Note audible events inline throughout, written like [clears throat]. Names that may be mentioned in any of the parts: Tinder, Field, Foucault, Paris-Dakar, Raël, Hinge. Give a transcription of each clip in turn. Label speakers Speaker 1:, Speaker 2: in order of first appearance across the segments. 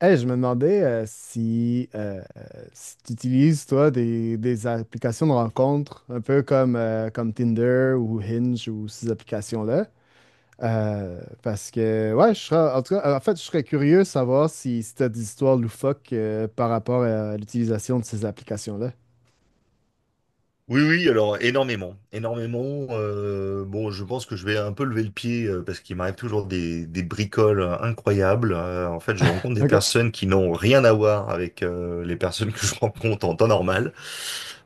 Speaker 1: Hey, je me demandais si tu utilises, toi, des applications de rencontres, un peu comme Tinder ou Hinge ou ces applications-là. Parce que, ouais, je serais, en tout cas, en fait, je serais curieux de savoir si tu as des histoires loufoques par rapport à l'utilisation de ces applications-là.
Speaker 2: Oui, oui, alors énormément, énormément. Bon, je pense que je vais un peu lever le pied parce qu'il m'arrive toujours des bricoles incroyables. En fait, je rencontre des
Speaker 1: OK.
Speaker 2: personnes qui n'ont rien à voir avec les personnes que je [laughs] rencontre en temps normal.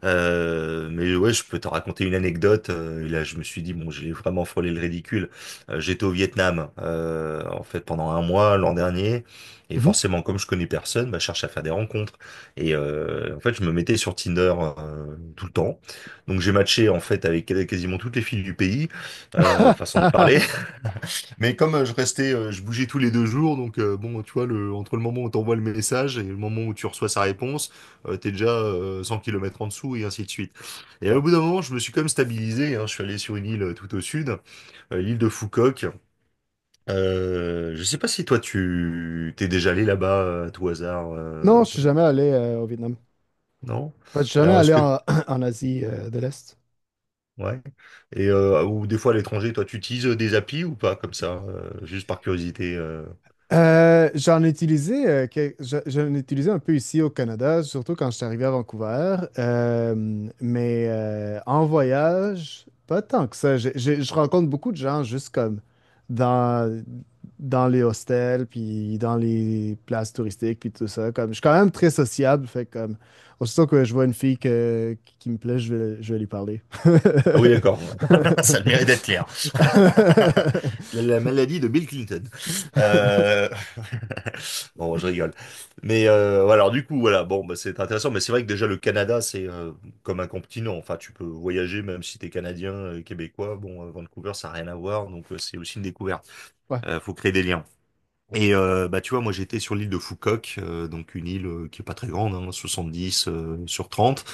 Speaker 2: Mais ouais, je peux te raconter une anecdote. Et là, je me suis dit, bon, j'ai vraiment frôlé le ridicule. J'étais au Vietnam, en fait, pendant un mois l'an dernier. Et
Speaker 1: Mhm.
Speaker 2: forcément, comme je connais personne, bah, je cherche à faire des rencontres. En fait, je me mettais sur Tinder tout le temps. Donc j'ai matché en fait avec quasiment toutes les filles du pays, façon de parler.
Speaker 1: [laughs]
Speaker 2: [laughs] Mais comme je bougeais tous les deux jours, donc bon, tu vois, entre le moment où t'envoies le message et le moment où tu reçois sa réponse, t'es déjà 100 kilomètres en dessous et ainsi de suite. Et
Speaker 1: Ouais.
Speaker 2: au bout d'un moment, je me suis quand même stabilisé, hein. Je suis allé sur une île tout au sud, l'île de Foucauk. Je sais pas si toi tu t'es déjà allé là-bas à tout hasard,
Speaker 1: Non, je suis jamais allé au Vietnam.
Speaker 2: non?
Speaker 1: Enfin, je suis jamais
Speaker 2: Alors est-ce
Speaker 1: allé
Speaker 2: que
Speaker 1: en, [clears throat] en Asie de l'Est.
Speaker 2: ouais. Ou des fois à l'étranger, toi, tu utilises des applis ou pas, comme ça, juste par curiosité.
Speaker 1: J'en ai utilisé, que- je- j'en ai utilisé un peu ici au Canada, surtout quand je suis arrivé à Vancouver. Mais en voyage, pas tant que ça. Je rencontre beaucoup de gens juste comme dans, dans les hostels, puis dans les places touristiques, puis tout ça. Comme, je suis quand même très sociable, fait que, comme aussitôt que je vois une fille qui me plaît, je vais lui parler.
Speaker 2: Ah oui, d'accord. [laughs] Ça a le mérite d'être clair. [laughs] La maladie
Speaker 1: [laughs]
Speaker 2: de Bill Clinton. Euh, [laughs] Bon, je rigole. Mais ouais, alors du coup, voilà, bon, bah, c'est intéressant. Mais c'est vrai que déjà le Canada, c'est comme un continent. Enfin, tu peux voyager même si t'es Canadien, Québécois. Bon, Vancouver, ça n'a rien à voir, donc c'est aussi une découverte.
Speaker 1: Ouais.
Speaker 2: Faut créer des liens. Bah tu vois, moi j'étais sur l'île de Foucault donc une île qui est pas très grande, hein, 70 sur 30.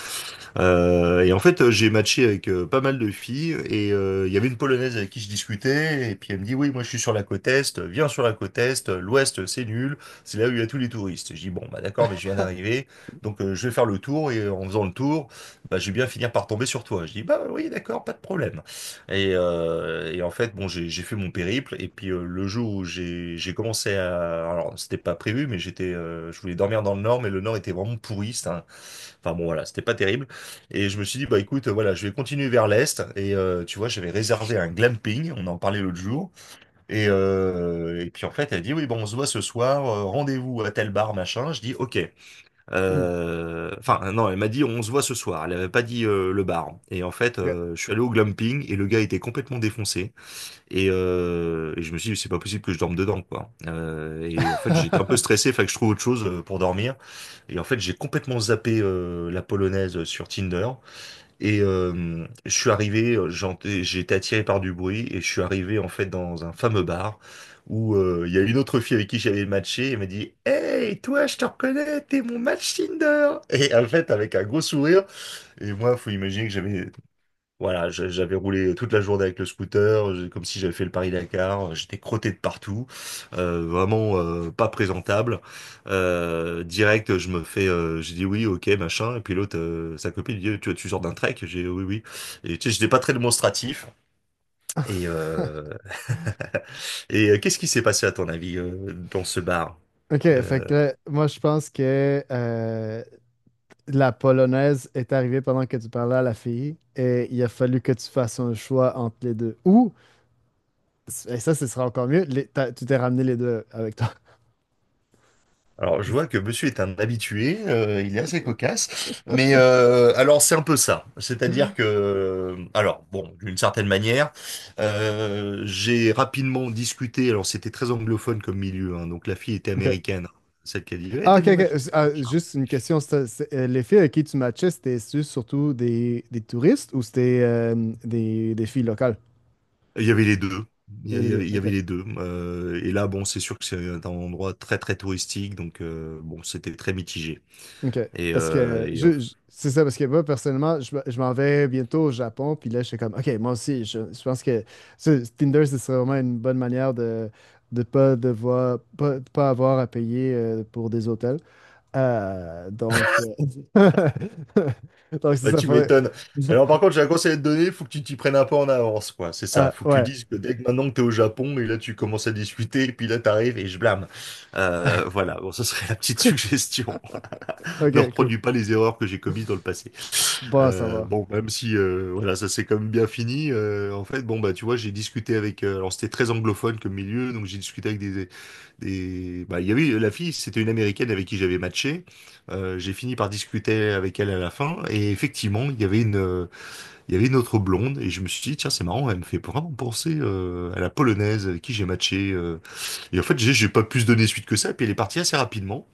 Speaker 2: J'ai matché avec pas mal de filles et il y avait une Polonaise avec qui je discutais et puis elle me dit, oui, moi je suis sur la côte Est, viens sur la côte Est, l'Ouest c'est nul, c'est là où il y a tous les touristes. Je dis, bon, bah d'accord, mais je viens d'arriver, donc je vais faire le tour et en faisant le tour, bah, je vais bien finir par tomber sur toi. Je dis, bah oui, d'accord, pas de problème. Et en fait, bon, j'ai fait mon périple et puis le jour où j'ai commencé à... Alors, c'était pas prévu, mais j'étais, je voulais dormir dans le Nord, mais le Nord était vraiment pourri, enfin bon, voilà, c'était pas terrible. Et je me suis dit, bah écoute, voilà, je vais continuer vers l'est. Tu vois, j'avais réservé un glamping, on en parlait l'autre jour. Et puis en fait, elle dit, oui, bon, on se voit ce soir, rendez-vous à tel bar, machin. Je dis, ok.
Speaker 1: Hmm.
Speaker 2: Enfin, non, elle m'a dit, on se voit ce soir. Elle avait pas dit le bar. Et en fait,
Speaker 1: Ok.
Speaker 2: je suis allé au glamping et le gars était complètement défoncé. Et je me suis dit, c'est pas possible que je dorme dedans, quoi. Et en fait, j'étais un peu
Speaker 1: [laughs]
Speaker 2: stressé, fallait que je trouve autre chose pour dormir. Et en fait, j'ai complètement zappé la polonaise sur Tinder. Je suis arrivé, j'ai été attiré par du bruit et je suis arrivé en fait dans un fameux bar où il y a une autre fille avec qui j'avais matché et elle m'a dit «Hey, toi, je te reconnais, t'es mon match Tinder!» Et en fait, avec un gros sourire, et moi, faut imaginer que j'avais voilà, j'avais roulé toute la journée avec le scooter, comme si j'avais fait le Paris-Dakar, j'étais crotté de partout, vraiment pas présentable. Direct, j'ai dit oui, ok, machin, et puis l'autre, sa copine, dit, tu sors d'un trek? J'ai oui, oui. Et tu sais, j'étais pas très démonstratif. Et, euh, [laughs] qu'est-ce qui s'est passé à ton avis dans ce bar?
Speaker 1: Ok, fait
Speaker 2: Euh,
Speaker 1: que là, moi, je pense que la polonaise est arrivée pendant que tu parlais à la fille et il a fallu que tu fasses un choix entre les deux. Ou, et ça, ce sera encore mieux, tu t'es ramené les deux avec toi.
Speaker 2: Alors, je vois que monsieur est un habitué, il est assez cocasse, mais
Speaker 1: [laughs]
Speaker 2: alors c'est un peu ça. C'est-à-dire que, alors bon, d'une certaine manière, j'ai rapidement discuté, alors c'était très anglophone comme milieu, hein, donc la fille était
Speaker 1: Ok.
Speaker 2: américaine, celle qui a dit, ouais,
Speaker 1: Ah,
Speaker 2: t'es
Speaker 1: ok,
Speaker 2: mon
Speaker 1: ok.
Speaker 2: mec.
Speaker 1: Ah, juste une question. Les filles avec qui tu matchais, c'était surtout des touristes ou c'était des filles locales?
Speaker 2: Il y avait les deux.
Speaker 1: Il y avait les deux.
Speaker 2: Il y avait
Speaker 1: Ok.
Speaker 2: les deux. Et là, bon, c'est sûr que c'est un endroit très, très touristique, donc bon, c'était très mitigé.
Speaker 1: OK.
Speaker 2: Et,
Speaker 1: Parce
Speaker 2: euh,
Speaker 1: que
Speaker 2: et,
Speaker 1: c'est ça, parce que moi, personnellement, je m'en vais bientôt au Japon, puis là, je suis comme, OK, moi aussi, je pense que Tinder, ce serait vraiment une bonne manière de pas devoir, pas, pas avoir à payer pour des hôtels. Donc, [laughs] donc c'est
Speaker 2: Bah,
Speaker 1: ça,
Speaker 2: tu
Speaker 1: faudrait.
Speaker 2: m'étonnes. Alors,
Speaker 1: [laughs]
Speaker 2: par contre, j'ai un conseil à te donner, faut que tu t'y prennes un peu en avance, quoi. C'est ça.
Speaker 1: Ah,
Speaker 2: Faut que tu
Speaker 1: ouais,
Speaker 2: dises que dès que maintenant que t'es au Japon, et là, tu commences à discuter, et puis là, t'arrives et je blâme. Voilà. Bon, ça serait la petite [laughs] suggestion. Ne
Speaker 1: ok, cool.
Speaker 2: reproduis pas les erreurs que j'ai commises dans le passé.
Speaker 1: Bon, ça va.
Speaker 2: Bon, même si, voilà, ça s'est quand même bien fini, en fait, bon, bah, tu vois, j'ai discuté avec, alors c'était très anglophone comme milieu, donc j'ai discuté avec et bah, il y avait la fille, c'était une Américaine avec qui j'avais matché. J'ai fini par discuter avec elle à la fin, et effectivement, il y avait il y avait une autre blonde, et je me suis dit, tiens, c'est marrant, elle me fait vraiment penser à la Polonaise avec qui j'ai matché. Et en fait, j'ai pas pu se donner suite que ça, et puis elle est partie assez rapidement.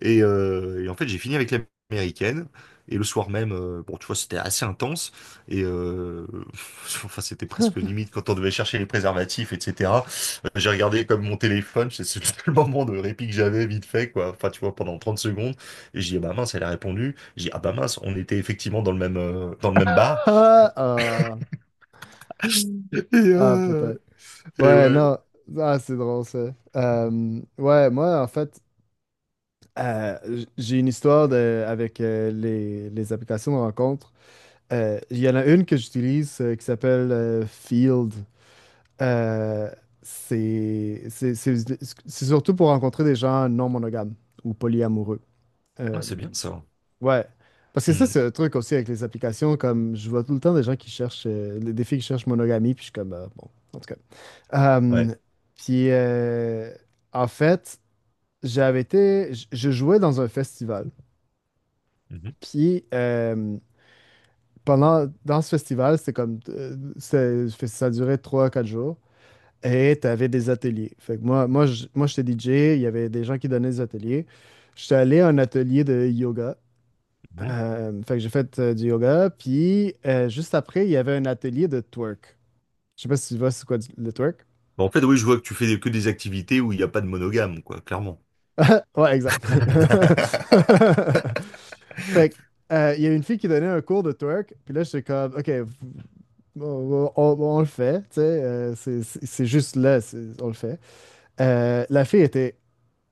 Speaker 2: Et en fait, j'ai fini avec l'américaine. Et le soir même, bon, tu vois, c'était assez intense. Et euh, [laughs] enfin, c'était presque limite quand on devait chercher les préservatifs, etc. J'ai regardé comme mon téléphone, c'est [laughs] le moment de répit que j'avais vite fait, quoi. Enfin, tu vois, pendant 30 secondes. Et j'ai dit, ah bah mince, elle a répondu. J'ai dit, ah bah mince, on était effectivement dans le même bar.
Speaker 1: Ah, ah,
Speaker 2: [laughs] Et,
Speaker 1: ah,
Speaker 2: euh,
Speaker 1: putain.
Speaker 2: et
Speaker 1: Ouais,
Speaker 2: ouais.
Speaker 1: non, ah, c'est drôle ça. Ouais, moi, en fait, j'ai une histoire avec les applications de rencontre. Il y en a une que j'utilise qui s'appelle Field. Euh, c'est c'est- c'est- c'est surtout pour rencontrer des gens non monogames ou polyamoureux.
Speaker 2: Ah,
Speaker 1: Euh,
Speaker 2: c'est bien ça.
Speaker 1: ouais. Parce que ça,
Speaker 2: Mm.
Speaker 1: c'est un truc aussi avec les applications, comme je vois tout le temps des gens qui cherchent, des filles qui cherchent monogamie, puis je suis comme, bon, en tout cas.
Speaker 2: Ouais.
Speaker 1: Euh, puis, en fait, j'avais été, je jouais dans un festival.
Speaker 2: Mhm.
Speaker 1: Puis dans ce festival, c'était comme ça durait 3 quatre jours. Et tu avais des ateliers. Fait que moi j'étais DJ, il y avait des gens qui donnaient des ateliers. J'étais allé à un atelier de yoga.
Speaker 2: Mhm.
Speaker 1: Fait que j'ai fait du yoga. Puis juste après, il y avait un atelier de twerk. Je sais pas si tu vois c'est quoi le twerk.
Speaker 2: Bon, en fait, oui, je vois que tu fais que des activités où il n'y a pas de monogame, quoi, clairement.
Speaker 1: [laughs] Ouais, exact. [laughs]
Speaker 2: [laughs]
Speaker 1: Fait que, il y a une fille qui donnait un cours de twerk, puis là, j'étais comme, OK, On, bon, on le fait, tu sais, c'est juste là, on le fait. La fille était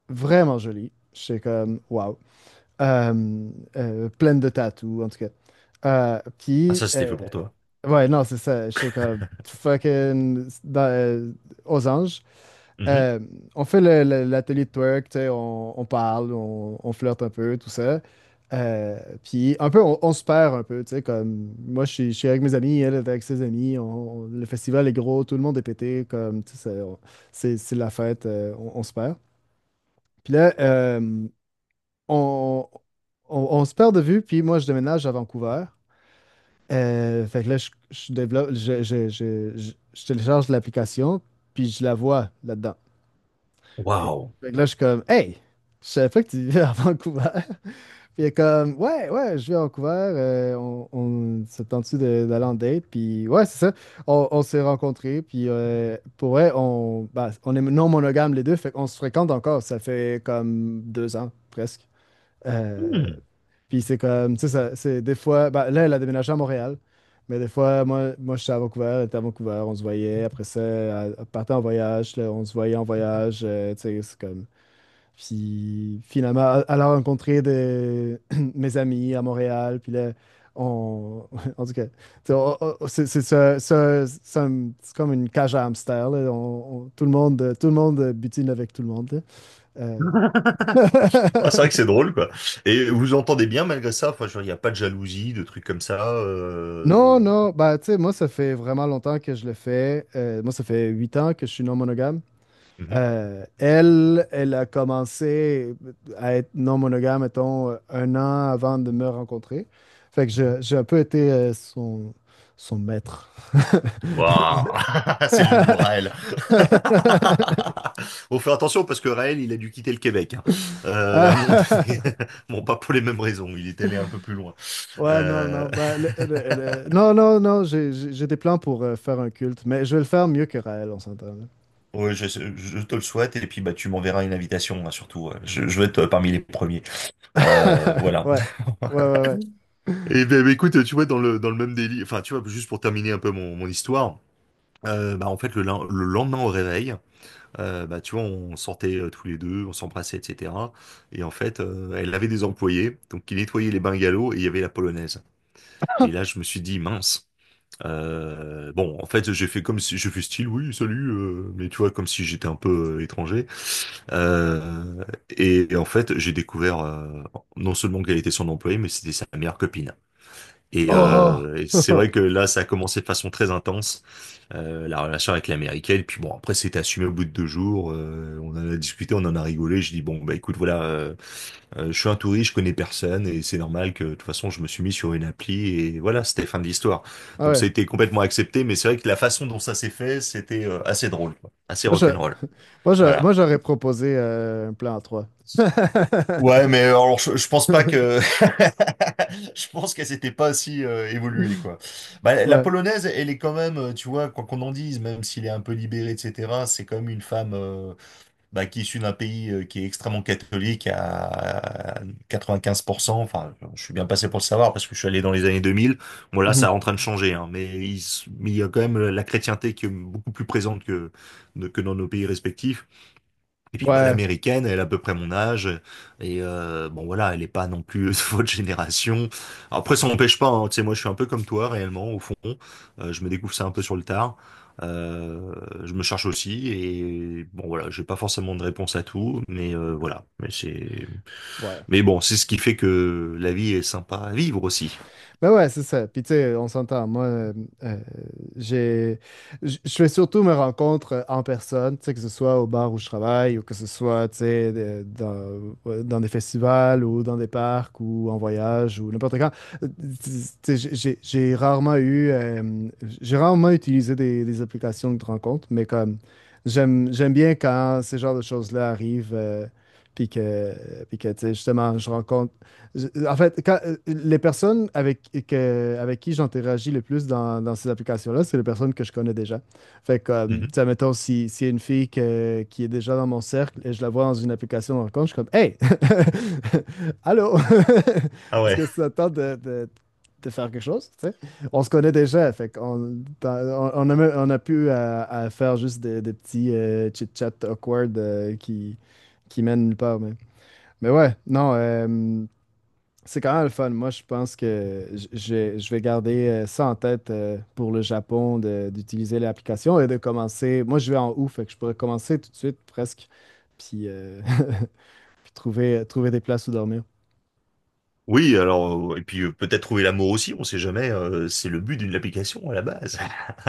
Speaker 1: vraiment jolie. J'étais comme, wow. Euh, pleine de tatous, en tout cas.
Speaker 2: Ah,
Speaker 1: Puis,
Speaker 2: ça, c'était fait pour toi.
Speaker 1: ouais, non, c'est ça. J'étais comme, fucking, aux anges,
Speaker 2: Mhm.
Speaker 1: euh, on fait l'atelier de twerk, tu sais, on parle, on flirte un peu, tout ça. Puis un peu, on se perd un peu, tu sais, comme moi, je suis avec mes amis, elle est avec ses amis, le festival est gros, tout le monde est pété, comme, tu sais, c'est la fête, on se perd. Puis là, on, on se perd de vue, puis moi, je déménage à Vancouver. Fait que là, je développe, je télécharge l'application, puis je la vois là-dedans.
Speaker 2: Waouh.
Speaker 1: Fait que là, je suis comme, hey, je savais pas que tu vivais à Vancouver. [laughs] Puis il est comme, ouais, ouais, je vis à Vancouver. On se tente-tu d'aller en date? Puis ouais, c'est ça. On s'est rencontrés. Puis pour vrai, on, bah, on est non monogame les deux. Fait qu'on se fréquente encore. Ça fait comme deux ans, presque. Euh,
Speaker 2: Hmm.
Speaker 1: puis c'est comme, tu sais, c'est des fois, bah, là, elle a déménagé à Montréal. Mais des fois, moi, je suis à Vancouver, elle était à Vancouver, on se voyait. Après ça, elle partait en voyage, là, on se voyait en voyage. Tu sais, c'est comme. Puis finalement, elle a rencontré des... [clears throat] mes amis à Montréal. Puis là, on... [laughs] En tout cas, tu sais, c'est ça- ça- c'est comme une cage à hamster, là. Tout le monde butine avec tout le monde, là. Euh, [laughs]
Speaker 2: Ah, c'est vrai que c'est drôle, quoi. Et vous vous entendez bien malgré ça? Enfin, je veux dire, il n'y a pas de jalousie, de trucs comme ça.
Speaker 1: Non, non, bah, tu sais, moi, ça fait vraiment longtemps que je le fais. Moi, ça fait 8 ans que je suis non monogame.
Speaker 2: Mhm,
Speaker 1: Elle a commencé à être non monogame, mettons, un an avant de me rencontrer. Fait que
Speaker 2: mhm.
Speaker 1: j'ai un peu été son maître.
Speaker 2: Waouh! [laughs] C'est le mot Raël.
Speaker 1: [laughs]
Speaker 2: [laughs] Faut faire attention parce que Raël, il a dû quitter le Québec, hein. À un moment donné. [laughs] Bon, pas pour les mêmes raisons. Il est allé un peu plus loin.
Speaker 1: Ouais, non, non.
Speaker 2: Euh...
Speaker 1: Ben,
Speaker 2: [laughs]
Speaker 1: non, non, non, j'ai des plans pour faire un culte, mais je vais le faire mieux que Raël, on s'entend, là.
Speaker 2: ouais, je te le souhaite. Et puis, bah, tu m'enverras une invitation, hein, surtout. Ouais. Je vais être parmi les premiers.
Speaker 1: [laughs]
Speaker 2: Voilà.
Speaker 1: Ouais, ouais, ouais, ouais.
Speaker 2: Et ben, ben, écoute, tu vois, dans le même délit, enfin, tu vois, juste pour terminer un peu mon histoire, bah, en fait, le lendemain au réveil, bah, tu vois, on sortait tous les deux, on s'embrassait, etc. Et en fait, elle avait des employés, donc qui nettoyaient les bungalows et il y avait la polonaise. Et là, je me suis dit, mince. Bon, en fait, j'ai fait comme si je fais style, oui, salut, mais tu vois, comme si j'étais un peu étranger. Euh, et en fait, j'ai découvert non seulement qu'elle était son employée, mais c'était sa meilleure copine.
Speaker 1: Oh!
Speaker 2: Et c'est vrai
Speaker 1: [laughs]
Speaker 2: que là, ça a commencé de façon très intense, la relation avec l'américaine. Puis bon, après, c'était assumé au bout de deux jours. On en a discuté, on en a rigolé. Je dis, bon, bah écoute, voilà, je suis un touriste, je connais personne, et c'est normal que de toute façon, je me suis mis sur une appli, et voilà, c'était fin de l'histoire.
Speaker 1: Ah
Speaker 2: Donc ça
Speaker 1: ouais.
Speaker 2: a été complètement accepté, mais c'est vrai que la façon dont ça s'est fait, c'était assez drôle, quoi, assez
Speaker 1: Moi, je,
Speaker 2: rock'n'roll.
Speaker 1: moi, je-
Speaker 2: Voilà.
Speaker 1: moi, j'aurais proposé un plan 3.
Speaker 2: Ouais, mais
Speaker 1: [laughs]
Speaker 2: alors je pense pas que [laughs] je pense qu'elle s'était pas si évoluée quoi. Bah, la
Speaker 1: Ouais.
Speaker 2: polonaise, elle est quand même, tu vois, quoi qu'on en dise, même s'il est un peu libéré, etc. C'est quand même une femme bah, qui est issue d'un pays qui est extrêmement catholique à 95%. Enfin, je suis bien passé pour le savoir parce que je suis allé dans les années 2000. Bon là,
Speaker 1: Mhm.
Speaker 2: ça est en train de changer, hein, mais mais il y a quand même la chrétienté qui est beaucoup plus présente que dans nos pays respectifs. Et puis bah,
Speaker 1: Ouais.
Speaker 2: l'américaine, elle a à peu près mon âge, et bon voilà, elle est pas non plus [laughs] de votre génération. Alors, après, ça n'empêche pas, hein, tu sais, moi je suis un peu comme toi réellement, au fond. Je me découvre ça un peu sur le tard. Euh, je me cherche aussi, et bon voilà, j'ai pas forcément de réponse à tout, mais voilà,
Speaker 1: Ouais.
Speaker 2: mais bon, c'est ce qui fait que la vie est sympa à vivre aussi.
Speaker 1: Ben ouais, c'est ça. Puis tu sais, on s'entend. Moi, euh, j'ai, je fais surtout mes rencontres en personne, tu sais, que ce soit au bar où je travaille ou que ce soit, tu sais, dans, ouais, dans des festivals ou dans des parcs ou en voyage ou n'importe quand. Euh, Tu sais, j'ai rarement utilisé des applications de rencontres, mais comme j'aime bien quand ces genres de choses-là arrivent. Puis que, puis que, tu sais, justement, en fait, quand, les personnes avec qui j'interagis le plus dans ces applications-là, c'est les personnes que je connais déjà. Fait que, comme, tu
Speaker 2: Mhm.
Speaker 1: sais, mettons, si, s'il y a une fille qui est déjà dans mon cercle et je la vois dans une application de rencontre, je suis comme, Hey! [laughs] Allô!
Speaker 2: Ah
Speaker 1: [laughs] Est-ce
Speaker 2: ouais.
Speaker 1: que ça te tente de faire quelque chose? Tu sais? On se connaît déjà, fait qu'on dans- on a, on a pu à faire juste des petits chit-chats awkward qui mènent nulle part. Mais ouais, non. C'est quand même le fun. Moi, je pense que je vais garder ça en tête pour le Japon d'utiliser l'application et de commencer. Moi, je vais en août, fait que je pourrais commencer tout de suite presque, puis, [laughs] puis trouver des places où dormir.
Speaker 2: Oui, alors, et puis peut-être trouver l'amour aussi, on sait jamais, c'est le but d'une application à la base.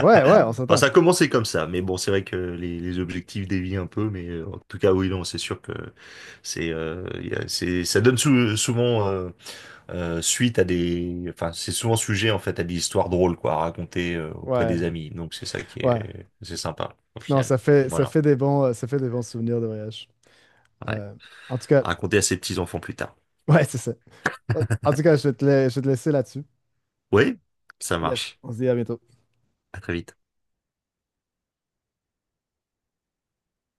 Speaker 1: Ouais, ouais, on
Speaker 2: Enfin, ça
Speaker 1: s'entend.
Speaker 2: a commencé comme ça, mais bon, c'est vrai que les objectifs dévient un peu, mais en tout cas, oui, non, c'est sûr que c'est, il y a- c'est, ça donne souvent suite à des, enfin, c'est souvent sujet en fait à des histoires drôles, quoi, à raconter auprès des
Speaker 1: Ouais,
Speaker 2: amis. Donc c'est ça qui
Speaker 1: ouais.
Speaker 2: est, c'est sympa au
Speaker 1: Non,
Speaker 2: final.
Speaker 1: ça
Speaker 2: Voilà,
Speaker 1: fait des bons, ça fait des bons souvenirs de voyage.
Speaker 2: ouais.
Speaker 1: Euh, en tout cas,
Speaker 2: À raconter à ses petits-enfants plus tard.
Speaker 1: ouais, c'est ça. En tout cas, je vais te laisser là-dessus.
Speaker 2: Oui, ça
Speaker 1: Yes,
Speaker 2: marche.
Speaker 1: on se dit à bientôt.
Speaker 2: À très vite.